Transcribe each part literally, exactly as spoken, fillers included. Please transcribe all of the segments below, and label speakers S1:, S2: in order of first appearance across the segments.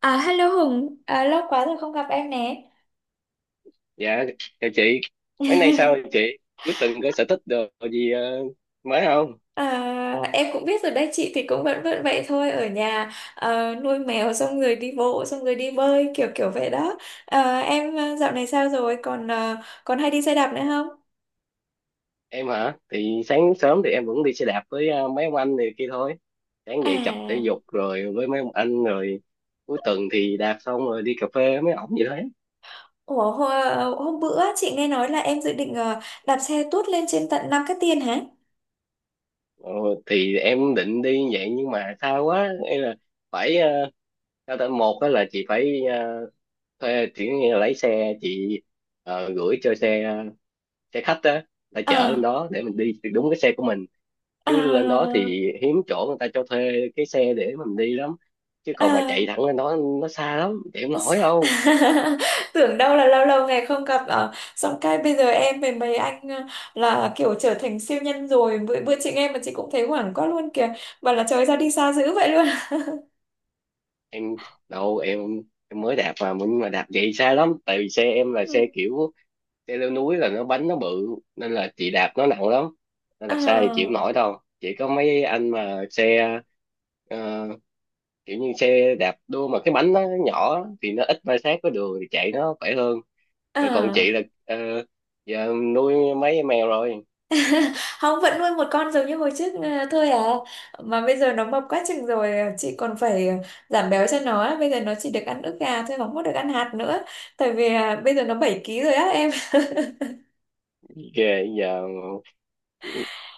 S1: À, hello Hùng, à, lâu quá rồi không gặp em nè.
S2: Dạ, chào chị. Mấy nay sao rồi chị? Cuối tuần có sở thích đồ gì ờ, mới không?
S1: À, em cũng biết rồi đấy, chị thì cũng vẫn vẫn vậy thôi, ở nhà ờ, nuôi mèo xong rồi đi bộ, xong rồi đi bơi, kiểu kiểu vậy đó. À, em ờ, dạo này sao rồi, còn ờ, còn hay đi xe đạp nữa không?
S2: Em hả? Thì sáng sớm thì em vẫn đi xe đạp với ờ, mấy ông anh này kia thôi. Sáng dậy tập thể
S1: À,
S2: dục rồi với mấy ông anh rồi. Cuối tuần thì đạp xong rồi đi cà phê với mấy ổng vậy đấy.
S1: ủa, hôm, hôm bữa chị nghe nói là em dự định ờ, đạp xe tuốt lên trên tận Nam Cát Tiên hả?
S2: ờ, thì em định đi vậy nhưng mà xa quá, hay là phải ờ, sao ta, một đó là chị phải ờ, thuê chỉ như là lấy xe chị ờ, gửi cho xe, ờ, xe khách á, đã chở lên
S1: À,
S2: đó để mình đi đúng cái xe của mình. Chứ lên đó
S1: à,
S2: thì hiếm chỗ người ta cho thuê cái xe để mình đi lắm. Chứ còn mà
S1: à,
S2: chạy thẳng lên đó nó xa lắm, chạy không nổi đâu.
S1: tưởng đâu là lâu lâu ngày không gặp ở xong cái bây giờ em với mấy anh ờ, là kiểu trở thành siêu nhân rồi bữa bữa chị nghe mà chị cũng thấy hoảng quá luôn kìa, bảo là trời ra đi xa dữ vậy luôn.
S2: Em đâu em em mới đạp mà, nhưng mà đạp vậy xa lắm. Tại vì xe em là xe kiểu xe leo núi, là nó bánh nó bự nên là chị đạp nó nặng lắm. Nên
S1: Ừ.
S2: đạp xa thì chịu không
S1: À,
S2: nổi đâu, chỉ có mấy anh mà xe ờ, kiểu như xe đạp đua, mà cái bánh nó nhỏ á, thì nó ít ma sát với đường thì chạy nó khỏe hơn. Rồi còn chị
S1: à.
S2: là ờ, giờ nuôi mấy em mèo rồi.
S1: Không, vẫn nuôi một con giống như hồi trước ờ, thôi à. Mà bây giờ nó mập quá chừng rồi, ờ, chị còn phải ờ, giảm béo cho nó á. Bây giờ nó chỉ được ăn ức gà thôi, không có được ăn hạt nữa, tại vì ờ, bây giờ nó bảy ký rồi á em.
S2: Ghê giờ. Ừ,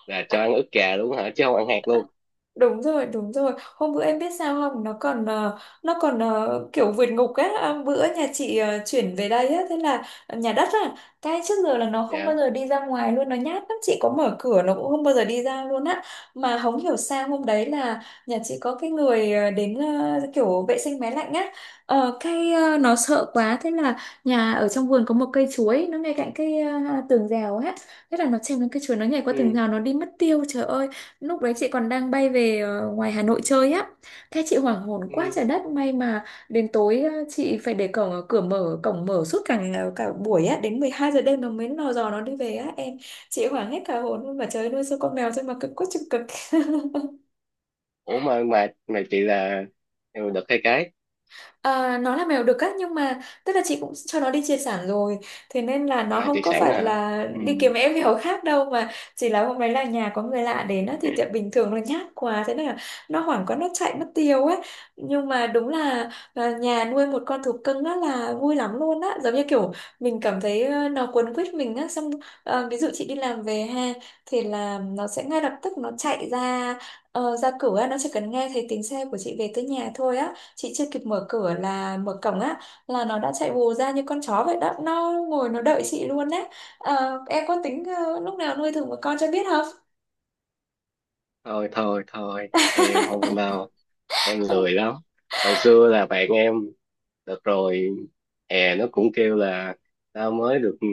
S2: là cho ăn ức gà luôn hả, chứ không ăn hạt luôn?
S1: Đúng rồi, đúng rồi, hôm bữa em biết sao không, nó còn ờ, nó còn ờ, kiểu vượt ngục á. À, bữa nhà chị ờ, chuyển về đây á, thế là nhà đất á, cái trước giờ là nó không bao
S2: Dạ.
S1: giờ đi ra ngoài luôn, nó nhát lắm, chị có mở cửa nó cũng không bao giờ đi ra luôn á. Mà không hiểu sao hôm đấy là nhà chị có cái người ờ, đến ờ, kiểu vệ sinh máy lạnh á. Ờ, cái ờ, nó sợ quá, thế là nhà ở trong vườn có một cây chuối nó ngay cạnh cái ờ, tường rào á, thế là nó trèo lên cây chuối, nó nhảy qua tường
S2: Ừ.
S1: rào, nó đi mất tiêu, trời ơi. Lúc đấy chị còn đang bay về ờ, ngoài Hà Nội chơi á. Thế chị hoảng hồn
S2: Ừ.
S1: quá trời đất, may mà đến tối ờ, chị phải để cổng, ờ, cửa mở cổng mở suốt cả ngày- cả buổi á, đến mười hai giờ đêm nó mới lò dò nó đi về á em. Chị hoảng hết cả hồn luôn, mà trời ơi, nuôi sao con mèo thôi mà cực quá chừng cực.
S2: Ủa mà mà mà chị là em được cái cái.
S1: À, nó là mèo đực á, nhưng mà tức là chị cũng cho nó đi chia sản rồi, thế nên là nó
S2: À, chị
S1: không có
S2: sẵn
S1: phải
S2: hả?
S1: là
S2: Ừ.
S1: đi kiếm em mèo khác đâu, mà chỉ là hôm đấy là nhà có người lạ đến á, thì tiệm bình thường nó nhát quá, thế nên là nó hoảng quá nó chạy mất tiêu ấy. Nhưng mà đúng là là nhà nuôi một con thú cưng á là vui lắm luôn á, giống như kiểu mình cảm thấy ờ, nó quấn quýt mình á, xong ờ, ví dụ chị đi làm về ha, thì là nó sẽ ngay lập tức nó chạy ra ờ, ra cửa, nó chỉ cần nghe thấy tiếng xe của chị về tới nhà thôi á, chị chưa kịp mở cửa là mở cổng á, là nó đã chạy vù ra như con chó vậy đó, nó ngồi nó đợi chị luôn đấy. Ờ, em có tính ờ, lúc nào nuôi thử một con cho biết không?
S2: Thôi thôi thôi, em không đâu, em lười lắm. Hồi xưa là bạn em, được rồi hè, nó cũng kêu là tao mới được, ừ,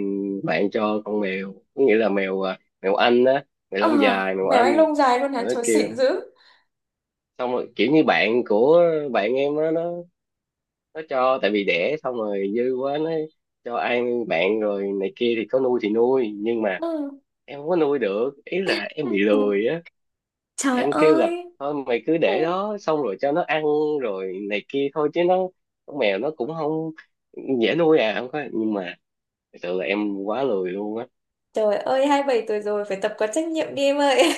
S2: bạn cho con mèo, có nghĩa là mèo à, mèo Anh á, mèo
S1: Ờ,
S2: lông dài, mèo
S1: mèo
S2: Anh.
S1: anh lông dài luôn hả,
S2: Rồi nó
S1: trời,
S2: kêu,
S1: xịn dữ.
S2: xong rồi kiểu như bạn của bạn em á, nó nó cho, tại vì đẻ xong rồi dư quá, nó cho ăn bạn rồi này kia, thì có nuôi thì nuôi nhưng mà
S1: Ừ.
S2: em không có nuôi được, ý là em bị lười á.
S1: Trời
S2: Em kêu là
S1: ơi.
S2: thôi mày cứ
S1: Ừ.
S2: để đó, xong rồi cho nó ăn rồi này kia thôi. Chứ nó, con mèo nó cũng không dễ nuôi à, không có, nhưng mà thật sự là em quá lười luôn á.
S1: Trời ơi, hai mươi bảy tuổi rồi, phải tập có trách nhiệm đi em ơi.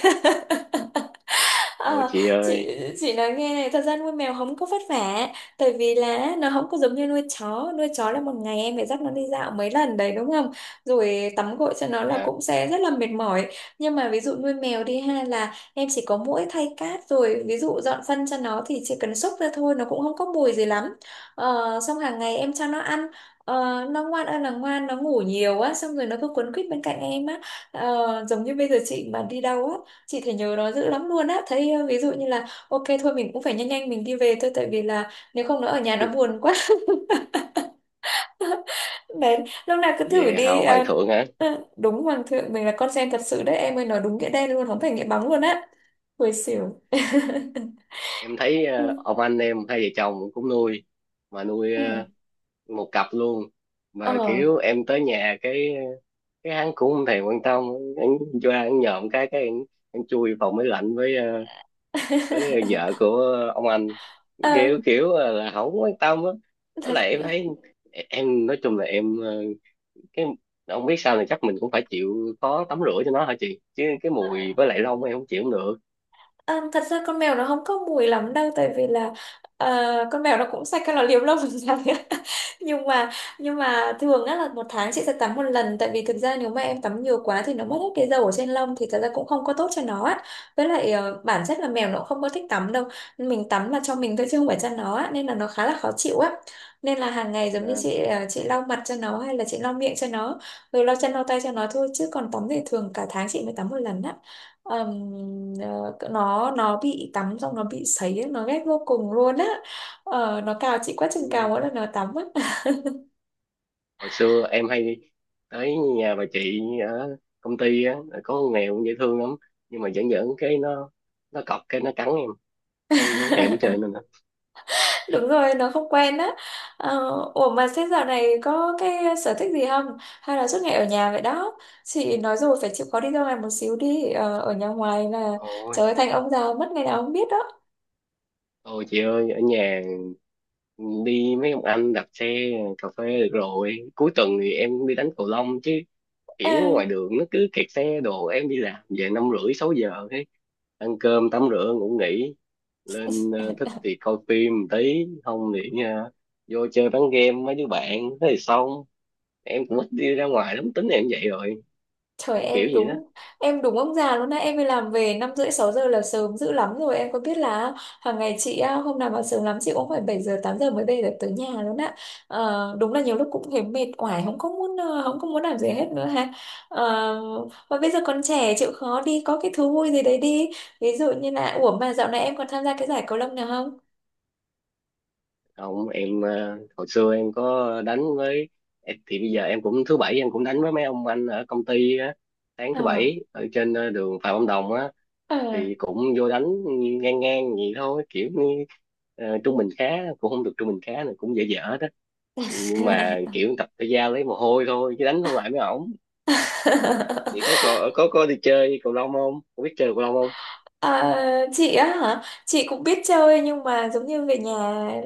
S2: Thôi
S1: Ờ,
S2: chị
S1: chị
S2: ơi.
S1: chị nói nghe này, thật ra nuôi mèo không có vất vả, tại vì là nó không có giống như nuôi chó. Nuôi chó là một ngày em phải dắt nó đi dạo mấy lần đấy, đúng không, rồi tắm gội cho nó là
S2: À,
S1: cũng sẽ rất là mệt mỏi. Nhưng mà ví dụ nuôi mèo đi ha, là em chỉ có mỗi thay cát, rồi ví dụ dọn phân cho nó thì chỉ cần xúc ra thôi, nó cũng không có mùi gì lắm. Ờ, xong hàng ngày em cho nó ăn. Ờ, nó ngoan ơi là ngoan, nó ngủ nhiều á, xong rồi nó cứ quấn quýt bên cạnh em á. Ờ, giống như bây giờ chị mà đi đâu á, chị thấy nhớ nó dữ lắm luôn á, thấy ờ, ví dụ như là, ok thôi, mình cũng phải nhanh nhanh mình đi về thôi, tại vì là nếu không nó ở nhà nó buồn quá. Đấy, lúc nào cứ thử
S2: về
S1: đi.
S2: hầu hoàng
S1: À,
S2: thượng hả?
S1: ờ, đúng, hoàng thượng, mình là con sen thật sự đấy em ơi, nói đúng nghĩa đen luôn, không phải nghĩa bóng luôn á. Hồi xỉu.
S2: Em thấy
S1: Ừ.
S2: ờ, ông anh em hai vợ chồng cũng nuôi, mà nuôi ờ,
S1: Ừ.
S2: một cặp luôn.
S1: Ờ.
S2: Mà kiểu em tới nhà cái cái hắn cũng không thèm quan tâm, hắn cho hắn nhòm cái cái hắn, hắn chui vào máy lạnh với ờ, với vợ của ông anh,
S1: Ờ,
S2: kiểu kiểu là không quan tâm á. Với
S1: thật.
S2: lại em thấy, em nói chung là em ờ, cái không biết, sao này chắc mình cũng phải chịu khó tắm rửa cho nó hả chị, chứ cái mùi với lại lông em không chịu cũng được.
S1: À, thật ra con mèo nó không có mùi lắm đâu, tại vì là ờ, con mèo nó cũng sạch, cái nó liếm lông làm sao đấy. nhưng mà nhưng mà thường á là một tháng chị sẽ tắm một lần, tại vì thực ra nếu mà em tắm nhiều quá thì nó mất hết cái dầu ở trên lông, thì thật ra cũng không có tốt cho nó á. Với lại ờ, bản chất là mèo nó cũng không có thích tắm đâu, mình tắm là cho mình thôi chứ không phải cho nó á, nên là nó khá là khó chịu á. Nên là hàng ngày giống như
S2: À,
S1: chị ờ, chị lau mặt cho nó, hay là chị lau miệng cho nó, rồi lau chân lau tay cho nó thôi, chứ còn tắm thì thường cả tháng chị mới tắm một lần á. Ờm, ờ, nó nó bị tắm xong nó bị sấy ấy, nó ghét vô cùng luôn á. Ờ, nó cào chị quá chừng cào, mỗi lần nó tắm á.
S2: hồi xưa em hay đi tới nhà bà chị ở công ty á, có con mèo cũng dễ thương lắm. Nhưng mà giỡn giỡn cái nó nó cọc cái nó cắn em, cái em không chơi nên.
S1: Đúng rồi, nó không quen á. Ờ, ủa mà thế dạo này có cái sở thích gì không, hay là suốt ngày ở nhà vậy đó? Chị nói rồi, phải chịu khó đi ra ngoài một xíu đi. Ờ, ở nhà ngoài là
S2: Ôi,
S1: trời ơi, thành ông già mất ngày nào không biết đó.
S2: ôi chị ơi, ở nhà đi mấy ông anh đạp xe cà phê được rồi. Cuối tuần thì em đi đánh cầu lông chứ, kiểu ngoài
S1: À,
S2: đường nó cứ kẹt xe đồ. Em đi làm về năm rưỡi sáu giờ ấy. Ăn cơm, tắm rửa, ngủ nghỉ, lên ờ, thích thì coi phim một tí, không thì ờ, vô chơi bán game với đứa bạn thế thì xong. Em cũng ít đi ra ngoài lắm, tính em vậy rồi
S1: trời
S2: kiểu
S1: em
S2: gì đó.
S1: đúng. Em đúng ông già luôn á. Em đi làm về năm rưỡi sáu giờ là sớm dữ lắm rồi. Em có biết là hàng ngày chị á, hôm nào mà sớm lắm chị cũng phải bảy giờ tám giờ mới về được tới nhà luôn á. Ờ, đúng là nhiều lúc cũng thấy mệt oải, không có muốn ờ, không có muốn làm gì hết nữa ha. Ờ, mà bây giờ còn trẻ chịu khó đi, có cái thú vui gì đấy đi. Ví dụ như là, ủa mà dạo này em còn tham gia cái giải cầu lông nào không?
S2: Không, em ờ, hồi xưa em có đánh với em- thì bây giờ em cũng thứ bảy em cũng đánh với mấy ông anh ở công ty á. Sáng thứ
S1: Ờ.
S2: bảy ở trên ờ, đường Phạm Văn Đồng á,
S1: Ờ.
S2: thì cũng vô đánh ngang ngang vậy thôi, kiểu như ờ, trung bình khá, cũng không được trung bình khá, này cũng dở dở đó. Nhưng mà kiểu tập thể giao lấy mồ hôi thôi, chứ đánh không lại mấy ổng. Thì có có có có đi chơi cầu lông không, có biết chơi cầu lông không?
S1: À, chị á hả? Chị cũng biết chơi, nhưng mà giống như về nhà,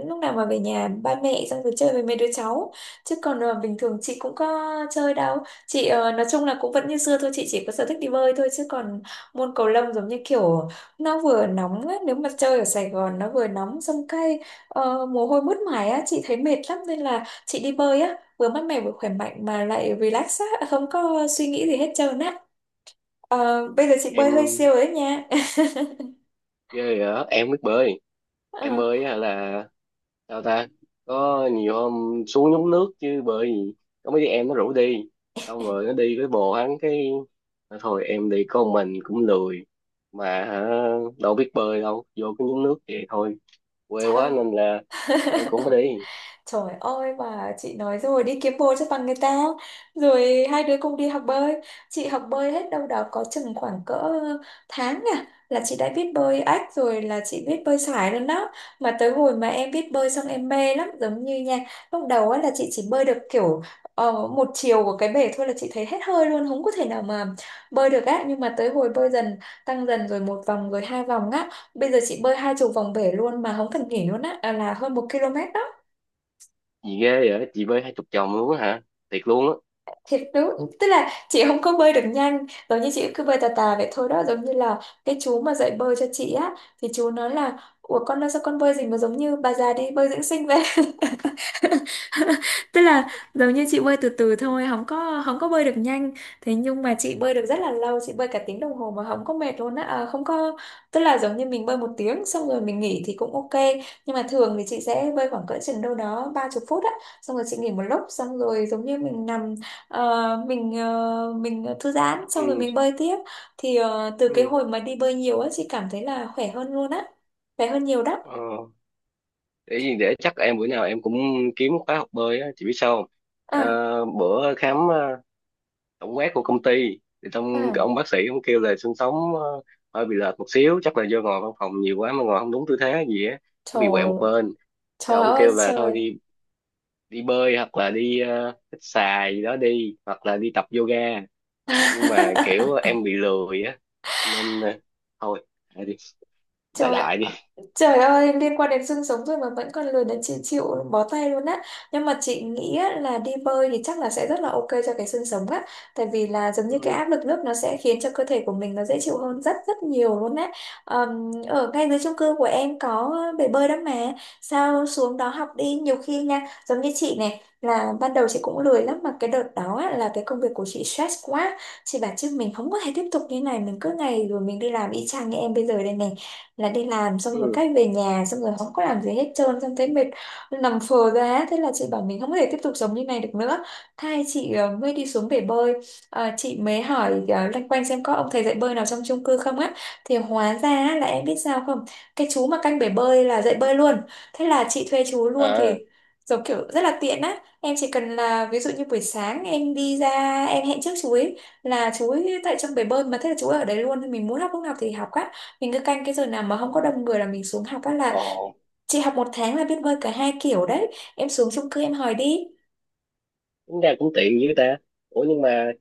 S1: lúc nào mà về nhà ba mẹ xong rồi chơi với mấy đứa cháu, chứ còn ờ, bình thường chị cũng có chơi đâu. Chị ờ, nói chung là cũng vẫn như xưa thôi, chị chỉ có sở thích đi bơi thôi, chứ còn môn cầu lông giống như kiểu nó vừa nóng á, nếu mà chơi ở Sài Gòn nó vừa nóng xong cái ờ, mồ hôi mướt mải á, chị thấy mệt lắm, nên là chị đi bơi á, vừa mát mẻ vừa khỏe mạnh mà lại relax á, không có suy nghĩ gì hết trơn á. Ờ, bây giờ chị bơi hơi siêu
S2: Em
S1: rồi đấy nha.
S2: chơi hả? Em biết bơi. Em
S1: Ờ,
S2: bơi á là, sao ta? Có nhiều hôm xuống nhúng nước, chứ bởi vì có mấy đứa em nó rủ đi. Xong rồi nó đi với bồ hắn, cái nói thôi em đi con, mình cũng lười mà hả, đâu biết bơi đâu, vô cái nhúng nước vậy thôi. Quê quá
S1: chào.
S2: nên là em cũng phải đi.
S1: Trời ơi, mà chị nói rồi, đi kiếm bồ cho bằng người ta. Rồi hai đứa cùng đi học bơi. Chị học bơi hết đâu đó có chừng khoảng cỡ tháng à. Là chị đã biết bơi ếch rồi, là chị biết bơi sải rồi đó. Mà tới hồi mà em biết bơi xong em mê lắm. Giống như nha, lúc đầu á là chị chỉ bơi được kiểu ờ, một chiều của cái bể thôi là chị thấy hết hơi luôn, không có thể nào mà bơi được á. Nhưng mà tới hồi bơi dần, tăng dần rồi một vòng rồi hai vòng á. Bây giờ chị bơi hai chục vòng bể luôn mà không cần nghỉ luôn á, à, là hơn một ki lô mét đó,
S2: Gì ghê vậy? Chị bơi hai chục chồng luôn á hả? Thiệt luôn á.
S1: thiệt đúng. Tức là chị không có bơi được nhanh, giống như chị cứ bơi tà tà vậy thôi đó. Giống như là cái chú mà dạy bơi cho chị á, thì chú nói là ủa con ơi sao con bơi gì mà giống như bà già đi bơi dưỡng sinh vậy. Tức là giống như chị bơi từ từ thôi, không có không có bơi được nhanh. Thế nhưng mà chị bơi được rất là lâu, chị bơi cả tiếng đồng hồ mà không có mệt luôn á, à, không có. Tức là giống như mình bơi một tiếng xong rồi mình nghỉ thì cũng ok, nhưng mà thường thì chị sẽ bơi khoảng cỡ chừng đâu đó ba chục phút á, xong rồi chị nghỉ một lúc, xong rồi giống như mình nằm, ờ, mình ờ, mình thư giãn xong rồi
S2: Ừ.
S1: mình bơi tiếp. Thì ờ, từ cái
S2: Ừ.
S1: hồi mà đi bơi nhiều á, chị cảm thấy là khỏe hơn luôn á, khỏe hơn nhiều đó.
S2: Ờ. Để gì, để chắc em bữa nào em cũng kiếm khóa học bơi á, chị biết sao không? Ờ,
S1: à,
S2: bữa khám ờ, tổng quát của công ty thì trong cái
S1: à,
S2: ông bác sĩ ông kêu là xương sống ờ, hơi bị lệch một xíu, chắc là do ngồi văn phòng nhiều quá mà ngồi không đúng tư thế gì á, nó bị quẹo một
S1: trời.
S2: bên. Cái
S1: Trời
S2: ông
S1: ơi
S2: kêu là thôi
S1: trời.
S2: đi, đi bơi hoặc là đi ờ, hít xà gì đó đi, hoặc là đi tập yoga.
S1: Ừ.
S2: Nhưng mà kiểu em bị lười á, nên ờ, thôi đại đi, đại
S1: Trời ạ,
S2: đại đi.
S1: trời ơi, liên quan đến xương sống rồi mà vẫn còn lười, đến chị chịu bó tay luôn á. Nhưng mà chị nghĩ á, là đi bơi thì chắc là sẽ rất là ok cho cái xương sống á. Tại vì là giống như cái
S2: Ừ,
S1: áp lực nước nó sẽ khiến cho cơ thể của mình nó dễ chịu hơn rất rất nhiều luôn á. Ờm, ở ngay dưới chung cư của em có bể bơi đó mà, sao xuống đó học đi, nhiều khi nha. Giống như chị này là ban đầu chị cũng lười lắm, mà cái đợt đó á, là cái công việc của chị stress quá. Chị bảo chứ mình không có thể tiếp tục như này, mình cứ ngày rồi mình đi làm y chang như em bây giờ đây nè, là đi làm xong rồi
S2: ừ,
S1: cách về nhà xong rồi không có làm gì hết trơn, xong thấy mệt, nằm phờ ra ấy. Thế là chị bảo mình không thể tiếp tục sống như này được nữa. Thay chị ờ, mới đi xuống bể bơi. Ờ, chị mới hỏi uh, loanh quanh xem có ông thầy dạy bơi nào trong chung cư không á. Thì hóa ra á, là em biết sao không, cái chú mà canh bể bơi là dạy bơi luôn. Thế là chị thuê chú luôn. Thì
S2: à,
S1: giống kiểu rất là tiện á, em chỉ cần là ví dụ như buổi sáng em đi ra em hẹn trước chú ấy là chú ấy tại trong bể bơi mà, thế là chú ấy ở đấy luôn, thì mình muốn học lúc nào thì học á. Mình cứ canh cái giờ nào mà không có đông người là mình xuống học á, là
S2: ồ,
S1: chị học một tháng là biết bơi cả hai kiểu đấy. Em xuống chung cư em hỏi đi.
S2: tính ra cũng tiện dữ ta. Ủa nhưng mà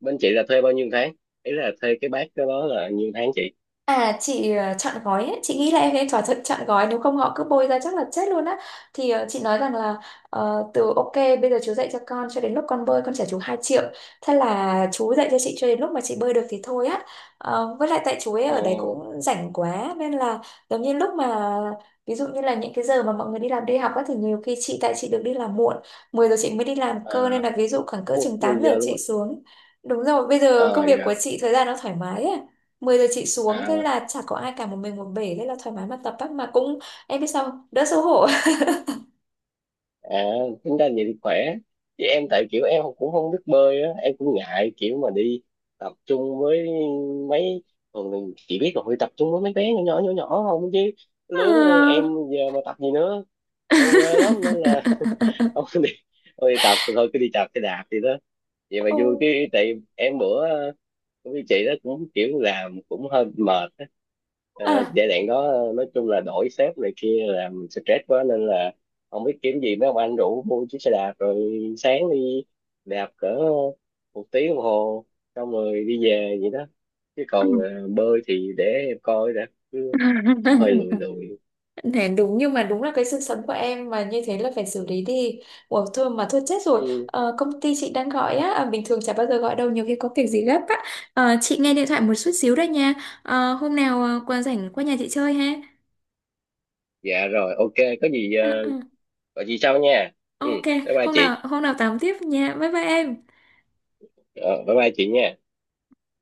S2: bên chị là thuê bao nhiêu tháng? Ý là thuê cái bác đó là nhiêu tháng chị?
S1: À chị ờ, chọn gói ấy. Chị nghĩ là em nên thỏa thuận chọn gói, nếu không họ cứ bôi ra chắc là chết luôn á. Thì ờ, chị nói rằng là ờ, từ ok bây giờ chú dạy cho con, cho đến lúc con bơi con trả chú hai triệu. Thế là chú dạy cho chị cho đến lúc mà chị bơi được thì thôi á. Ờ, với lại tại chú ấy
S2: Ồ.
S1: ở đấy cũng rảnh quá nên là giống như lúc mà, ví dụ như là những cái giờ mà mọi người đi làm đi học á, thì nhiều khi chị tại chị được đi làm muộn, mười giờ chị mới đi làm cơ, nên
S2: À.
S1: là ví dụ khoảng cỡ
S2: Ôi,
S1: chừng tám
S2: mười
S1: giờ
S2: giờ luôn
S1: chị
S2: rồi.
S1: xuống. Đúng rồi, bây giờ công
S2: Ờ
S1: việc của
S2: dạ.
S1: chị thời gian nó thoải mái á. Mười giờ chị xuống, thế
S2: À,
S1: là chả có ai cả, một mình một bể, thế là thoải mái mà tập á. Mà cũng, em biết sao không, đỡ xấu hổ.
S2: à, tính ra vậy thì khỏe. Chứ em tại kiểu em cũng không biết bơi á, em cũng ngại kiểu mà đi tập trung với mấy, thường mình chỉ biết là phải tập trung với mấy bé nhỏ nhỏ nhỏ nhỏ không chứ, lứa em
S1: À.
S2: giờ mà tập gì nữa. Ở quê lắm nên là không đi, không đi tập thì thôi, cứ đi tập cái đạp gì đó vậy mà
S1: Ồ,
S2: vui. Cái tại em bữa ờ, cũng như chị đó cũng kiểu làm cũng hơi mệt á. Ờ,
S1: à.
S2: giai đoạn đó ờ, nói chung là đổi sếp này kia làm mình stress quá, nên là không biết kiếm gì, mấy ông anh rủ mua chiếc xe đạp rồi sáng đi đạp cỡ một tiếng đồng hồ xong rồi đi về vậy đó. Chứ còn ờ, bơi thì để em coi đã, chứ cũng hơi lười lười.
S1: Thế đúng, nhưng mà đúng là cái sự sống của em mà như thế là phải xử lý đi. Ủa thôi mà thôi chết rồi.
S2: Ừ,
S1: Ờ, công ty chị đang gọi á, à, bình thường chả bao giờ gọi đâu, nhiều khi có việc gì gấp á. Ờ, chị nghe điện thoại một chút xíu đấy nha. Ờ, hôm nào ờ, qua rảnh qua nhà chị chơi ha.
S2: dạ rồi, ok. Có gì ờ,
S1: Ờ, ờ.
S2: gọi chị sau nha. Ừ,
S1: Ok,
S2: bye bye
S1: hôm
S2: chị.
S1: nào hôm nào tám tiếp nha. Bye bye em.
S2: ờ, Bye bye chị nha.